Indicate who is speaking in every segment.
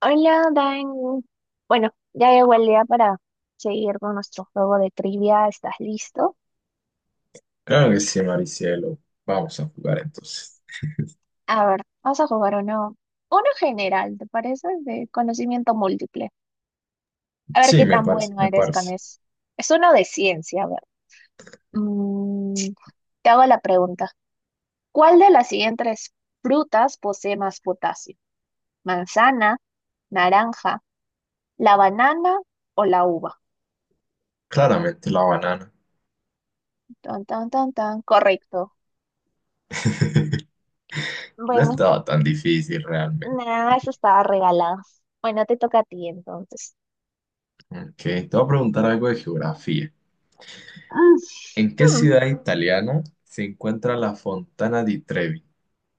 Speaker 1: Hola, Dan. Bueno, ya llegó el día para seguir con nuestro juego de trivia. ¿Estás listo?
Speaker 2: Claro que sí, Maricielo. Vamos a jugar entonces.
Speaker 1: A ver, vamos a jugar uno general, ¿te parece? De conocimiento múltiple. A ver
Speaker 2: Sí,
Speaker 1: qué
Speaker 2: me
Speaker 1: tan
Speaker 2: parece,
Speaker 1: bueno
Speaker 2: me
Speaker 1: eres con
Speaker 2: parece.
Speaker 1: eso. Es uno de ciencia, a ver. Mm, Te hago la pregunta. ¿Cuál de las siguientes frutas posee más potasio? ¿Manzana, naranja, la banana o la uva?
Speaker 2: Claramente la banana.
Speaker 1: Tan, tan, tan, tan. Correcto.
Speaker 2: No
Speaker 1: Bueno.
Speaker 2: estaba tan difícil realmente.
Speaker 1: Nah, eso estaba regalado. Bueno, te toca a ti entonces.
Speaker 2: Ok, te voy a preguntar algo de geografía.
Speaker 1: Ah,
Speaker 2: ¿En qué
Speaker 1: Hmm,
Speaker 2: ciudad italiana se encuentra la Fontana di Trevi?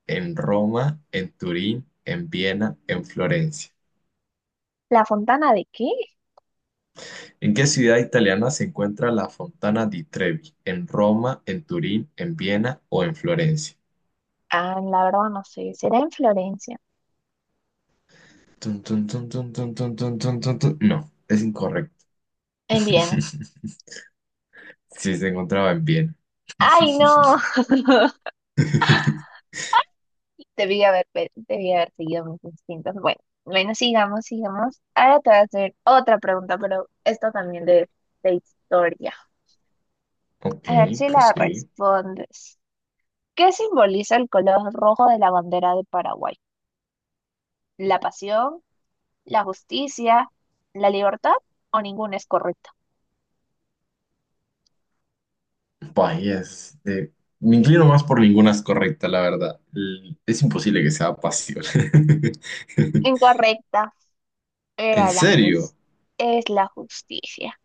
Speaker 2: ¿En Roma, en Turín, en Viena, en Florencia?
Speaker 1: ¿La fontana de qué?
Speaker 2: ¿En qué ciudad italiana se encuentra la Fontana di Trevi? ¿En Roma, en Turín, en Viena o en Florencia?
Speaker 1: Ah, la verdad no sé. ¿Será en Florencia?
Speaker 2: Tun, tun, tun, tun, tun, tun, tun, tun, tun, tun. No, es incorrecto.
Speaker 1: En Viena.
Speaker 2: Sí, se encontraba en bien.
Speaker 1: ¡Ay, no! Debí haber seguido mis instintos. Bueno, bueno, sigamos, sigamos. Ahora te voy a hacer otra pregunta, pero esta también de historia.
Speaker 2: Ok,
Speaker 1: A ver si la
Speaker 2: pues sí.
Speaker 1: respondes. ¿Qué simboliza el color rojo de la bandera de Paraguay? ¿La pasión? ¿La justicia? ¿La libertad? ¿O ninguna es correcta?
Speaker 2: Vaya, me inclino más por ninguna es correcta, la verdad. Es imposible que sea pasión.
Speaker 1: Incorrecta.
Speaker 2: ¿En
Speaker 1: Era la
Speaker 2: serio?
Speaker 1: jus- es la justicia.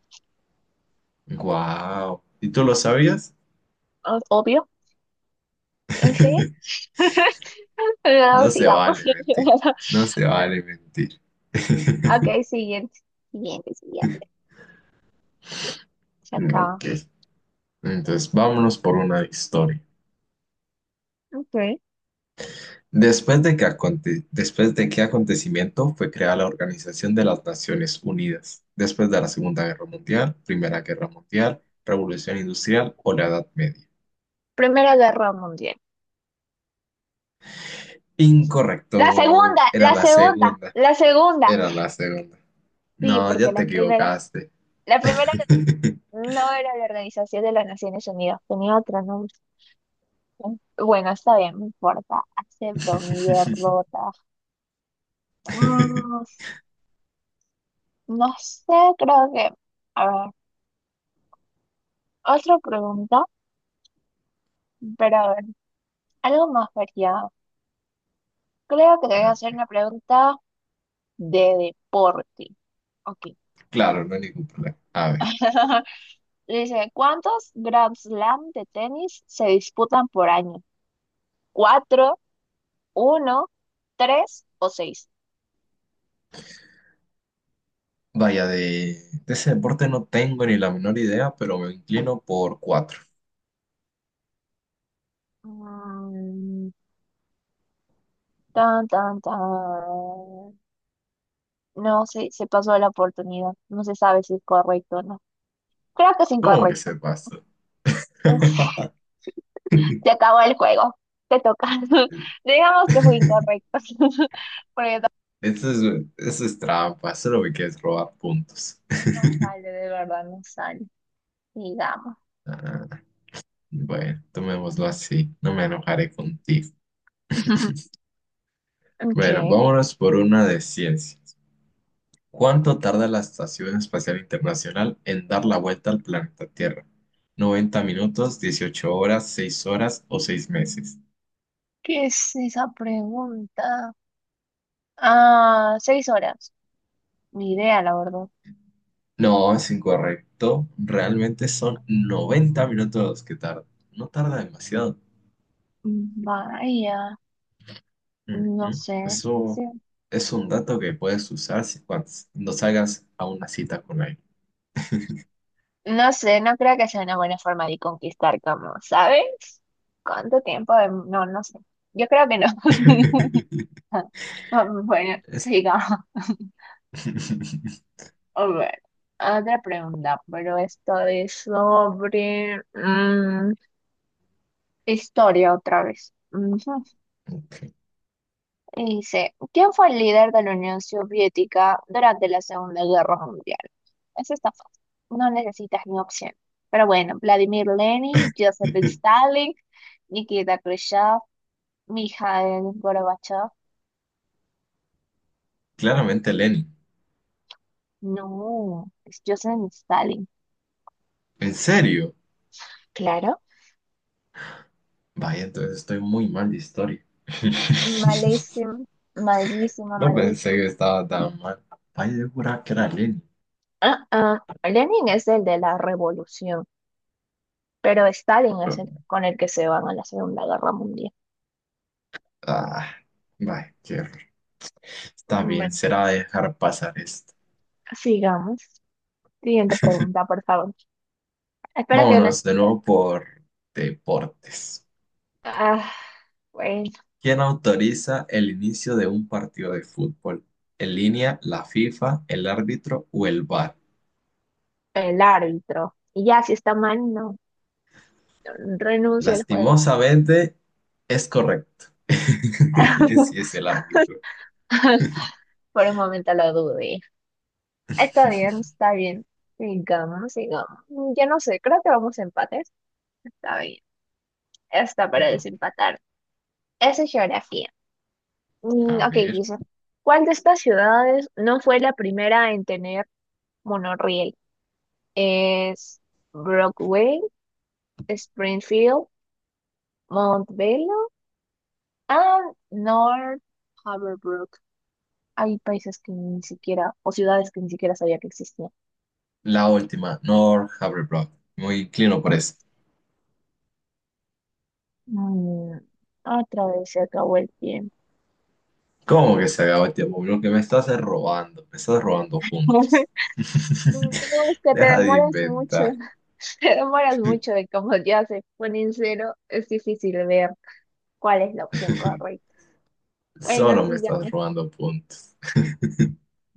Speaker 2: Wow. ¿Y tú lo sabías?
Speaker 1: Ah, obvio. Sí. No,
Speaker 2: No se
Speaker 1: sigamos.
Speaker 2: vale mentir. No se vale mentir.
Speaker 1: Ok, siguiente. Siguiente, siguiente. Se acaba.
Speaker 2: Ok. Entonces, vámonos por una de historia.
Speaker 1: Ok.
Speaker 2: Después de qué acontecimiento fue creada la Organización de las Naciones Unidas, después de la Segunda Guerra Mundial, Primera Guerra Mundial, Revolución Industrial o la Edad Media.
Speaker 1: Primera Guerra Mundial. La segunda,
Speaker 2: Incorrecto, era
Speaker 1: la
Speaker 2: la
Speaker 1: segunda,
Speaker 2: segunda,
Speaker 1: la segunda.
Speaker 2: era la segunda.
Speaker 1: Sí,
Speaker 2: No,
Speaker 1: porque
Speaker 2: ya
Speaker 1: la
Speaker 2: te
Speaker 1: primera,
Speaker 2: equivocaste.
Speaker 1: la primera no era la Organización de las Naciones Unidas, tenía otro nombre. Bueno, está bien, no importa. Acepto mi derrota. Mm, No sé, creo que, a ver, otra pregunta, pero a ver, algo más variado. Creo que te voy a
Speaker 2: No,
Speaker 1: hacer
Speaker 2: ok.
Speaker 1: una pregunta de deporte. Ok.
Speaker 2: Claro, no hay ningún problema. A ver,
Speaker 1: Dice, ¿cuántos Grand Slam de tenis se disputan por año? ¿Cuatro, uno, tres o seis?
Speaker 2: vaya, de ese deporte no tengo ni la menor idea, pero me inclino por cuatro.
Speaker 1: Mm, Tan, tan, tan. No sé, se pasó la oportunidad. No se sabe si es correcto o no. Creo que es
Speaker 2: ¿Cómo que
Speaker 1: incorrecto.
Speaker 2: se pasó?
Speaker 1: Se acabó el juego. Te toca. Digamos que fue incorrecto. Porque no
Speaker 2: Eso es, eso es trampa, solo me quieres robar puntos.
Speaker 1: no sale, de verdad, no sale. Digamos.
Speaker 2: Ah, bueno, tomémoslo así, no me enojaré contigo. Bueno,
Speaker 1: ¿Qué?
Speaker 2: vámonos por una de ciencias. ¿Cuánto tarda la Estación Espacial Internacional en dar la vuelta al planeta Tierra? ¿90 minutos, 18 horas, 6 horas o 6 meses?
Speaker 1: ¿Qué es esa pregunta? Ah, 6 horas. Ni idea, la verdad.
Speaker 2: No, es incorrecto. Realmente son 90 minutos los que tarda. No tarda demasiado.
Speaker 1: Vaya, no
Speaker 2: Ujú.
Speaker 1: sé. Sí.
Speaker 2: Eso es un dato que puedes usar si, cuando no salgas a una cita con alguien.
Speaker 1: No sé, no creo que sea una buena forma de conquistar, como, ¿sabes? ¿Cuánto tiempo? No, no sé. Yo creo que no. Bueno,
Speaker 2: Es-
Speaker 1: sigamos. A ver, otra pregunta, pero esto es sobre historia otra vez. Ujú. Y dice, ¿quién fue el líder de la Unión Soviética durante la Segunda Guerra Mundial? Eso está fácil, no necesitas ni opción. Pero bueno, Vladimir Lenin, Joseph Stalin, Nikita Khrushchev, Mikhail Gorbachev.
Speaker 2: Claramente Lenin.
Speaker 1: No, es Joseph Stalin.
Speaker 2: ¿En serio?
Speaker 1: Claro.
Speaker 2: Vaya, entonces estoy muy mal de historia.
Speaker 1: Malísimo, malísimo,
Speaker 2: No pensé
Speaker 1: malísimo.
Speaker 2: que estaba tan mal. Vaya, yo juraba que era Lenin.
Speaker 1: Ah, ah, Lenin es el de la revolución, pero Stalin es el con el que se van a la Segunda Guerra Mundial.
Speaker 2: Ah, vaya, qué horror. Está bien,
Speaker 1: Bueno,
Speaker 2: será dejar pasar esto.
Speaker 1: sigamos. Siguiente pregunta, por favor. Espera que no.
Speaker 2: Vámonos de nuevo por deportes.
Speaker 1: Ah, bueno,
Speaker 2: ¿Quién autoriza el inicio de un partido de fútbol? ¿En línea, la FIFA, el árbitro o el VAR?
Speaker 1: el árbitro. Y ya, si está mal, no. Renuncio al juego.
Speaker 2: Lastimosamente, es correcto. Sí, es el árbitro.
Speaker 1: Por un momento lo dudé. Está bien, está bien. Sigamos, sigamos. Ya no sé, creo que vamos a empates. Está bien. Está para
Speaker 2: No,
Speaker 1: desempatar. Esa es geografía.
Speaker 2: a
Speaker 1: Ok,
Speaker 2: ver.
Speaker 1: dice, ¿cuál de estas ciudades no fue la primera en tener monorriel? ¿Es Broadway, Springfield, Montbello and North Haverbrook? Hay países que ni siquiera, o ciudades que ni siquiera sabía que existían.
Speaker 2: La última, Nor Havertz. Muy inclino por eso.
Speaker 1: Mm, Otra vez se acabó el tiempo.
Speaker 2: ¿Cómo que se acabó el tiempo? Lo que me estás es robando. Me estás robando
Speaker 1: No,
Speaker 2: puntos.
Speaker 1: es que te
Speaker 2: Deja de
Speaker 1: demoras mucho,
Speaker 2: inventar.
Speaker 1: te demoras mucho y como ya se pone en cero, es difícil ver cuál es la opción correcta. Bueno,
Speaker 2: Solo me estás
Speaker 1: sigamos.
Speaker 2: robando puntos.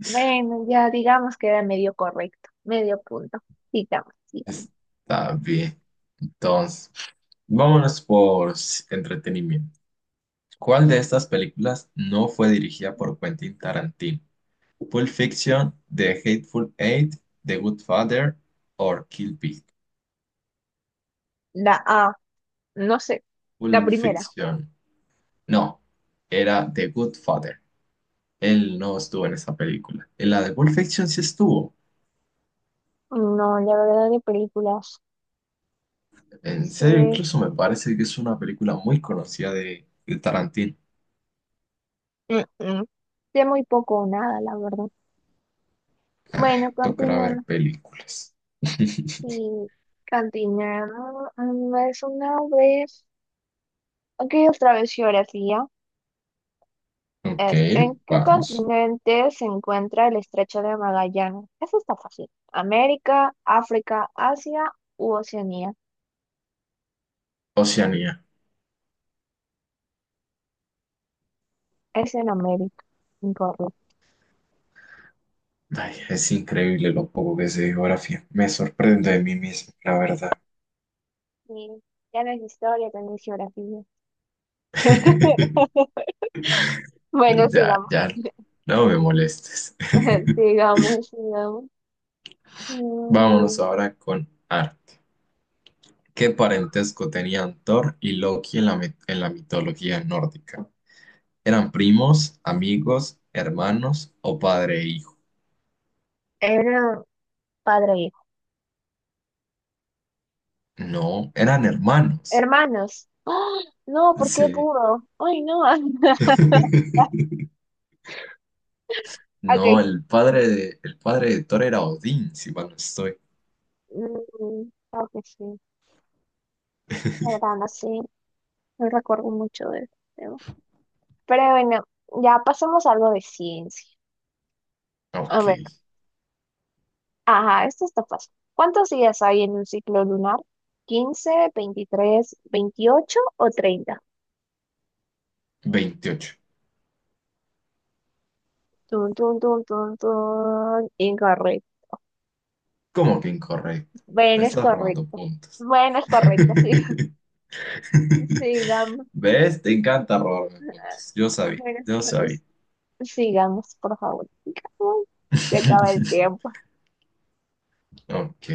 Speaker 1: Bueno, ya digamos que era medio correcto, medio punto. Digamos, digamos.
Speaker 2: Está bien. Entonces, vámonos por entretenimiento. ¿Cuál de estas películas no fue dirigida por Quentin Tarantino? Pulp Fiction, The Hateful Eight, The Good Father o Kill Bill.
Speaker 1: La A, no sé, la
Speaker 2: Pulp
Speaker 1: primera.
Speaker 2: Fiction. No, era The Good Father. Él no estuvo en esa película. En la de Pulp Fiction sí estuvo.
Speaker 1: No, la verdad de películas
Speaker 2: En serio,
Speaker 1: sé,
Speaker 2: incluso me parece que es una película muy conocida de Tarantino.
Speaker 1: Mm, mm. sé muy poco o nada, la verdad.
Speaker 2: Ah,
Speaker 1: Bueno,
Speaker 2: tocará ver
Speaker 1: continuemos.
Speaker 2: películas.
Speaker 1: Y continuemos. Es una vez. Aquí otra vez geografía.
Speaker 2: Ok,
Speaker 1: Es, ¿en qué
Speaker 2: vamos.
Speaker 1: continente se encuentra el Estrecho de Magallanes? Eso está fácil. ¿América, África, Asia u Oceanía?
Speaker 2: Oceanía.
Speaker 1: Es en América, incorrecto.
Speaker 2: Ay, es increíble lo poco que sé de geografía. Me sorprendo de mí mismo, la verdad.
Speaker 1: Sí, ya no es historia, también es geografía. Bueno,
Speaker 2: Ya,
Speaker 1: sigamos.
Speaker 2: ya. No me molestes.
Speaker 1: Sigamos, sigamos.
Speaker 2: Vámonos
Speaker 1: Mm,
Speaker 2: ahora con arte. ¿Qué parentesco tenían Thor y Loki en la mitología nórdica? ¿Eran primos, amigos, hermanos o padre e hijo?
Speaker 1: Era padre e hijo.
Speaker 2: No, eran hermanos.
Speaker 1: Hermanos. ¡Ah! No, ¿por qué
Speaker 2: Sí.
Speaker 1: burro? Ay, no.
Speaker 2: No,
Speaker 1: Ok.
Speaker 2: el padre de Thor era Odín, si mal no estoy.
Speaker 1: Creo que sí. La verdad, no sé. No recuerdo mucho de eso. Pero bueno, ya pasemos a algo de ciencia. A
Speaker 2: Ok,
Speaker 1: ver, ajá, esto está fácil. ¿Cuántos días hay en un ciclo lunar? 15, 23, 28 o 30.
Speaker 2: 28.
Speaker 1: Tun, tun, tun, tun, tun. Incorrecto.
Speaker 2: ¿Cómo que incorrecto? Me
Speaker 1: Bueno, es
Speaker 2: estás robando
Speaker 1: correcto.
Speaker 2: puntos.
Speaker 1: Bueno, es correcto, sí. Sigamos.
Speaker 2: ¿Ves? Te encanta robarme puntos. Yo
Speaker 1: Ah,
Speaker 2: sabía,
Speaker 1: bueno,
Speaker 2: yo sabía.
Speaker 1: es- sigamos, por favor. Sigamos. Se acaba el tiempo.
Speaker 2: Ok,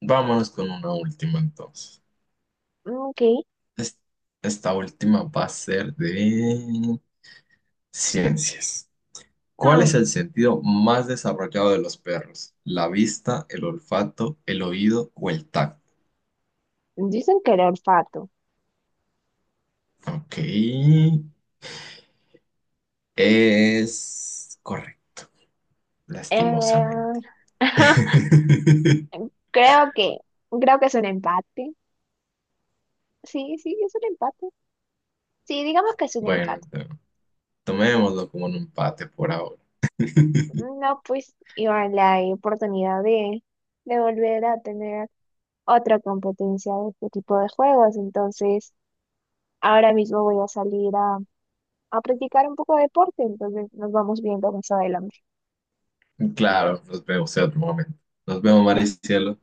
Speaker 2: vámonos con una última entonces.
Speaker 1: Ok.
Speaker 2: Es- Esta última va a ser de ciencias. ¿Cuál
Speaker 1: Hmm,
Speaker 2: es el sentido más desarrollado de los perros? ¿La vista, el olfato, el oído o el tacto?
Speaker 1: Dicen que el olfato.
Speaker 2: Ok. Es correcto,
Speaker 1: Eh,
Speaker 2: lastimosamente.
Speaker 1: creo que, creo que es un empate. Sí, sí, es un empate. Sí, digamos que es un
Speaker 2: Bueno,
Speaker 1: empate.
Speaker 2: tomémoslo como un empate por ahora.
Speaker 1: No, pues, iba la oportunidad de volver a tener otra competencia de este tipo de juegos. Entonces, ahora mismo voy a salir a, practicar un poco de deporte. Entonces, nos vamos viendo más adelante.
Speaker 2: Claro, nos vemos en otro momento. Nos vemos, Maricielo.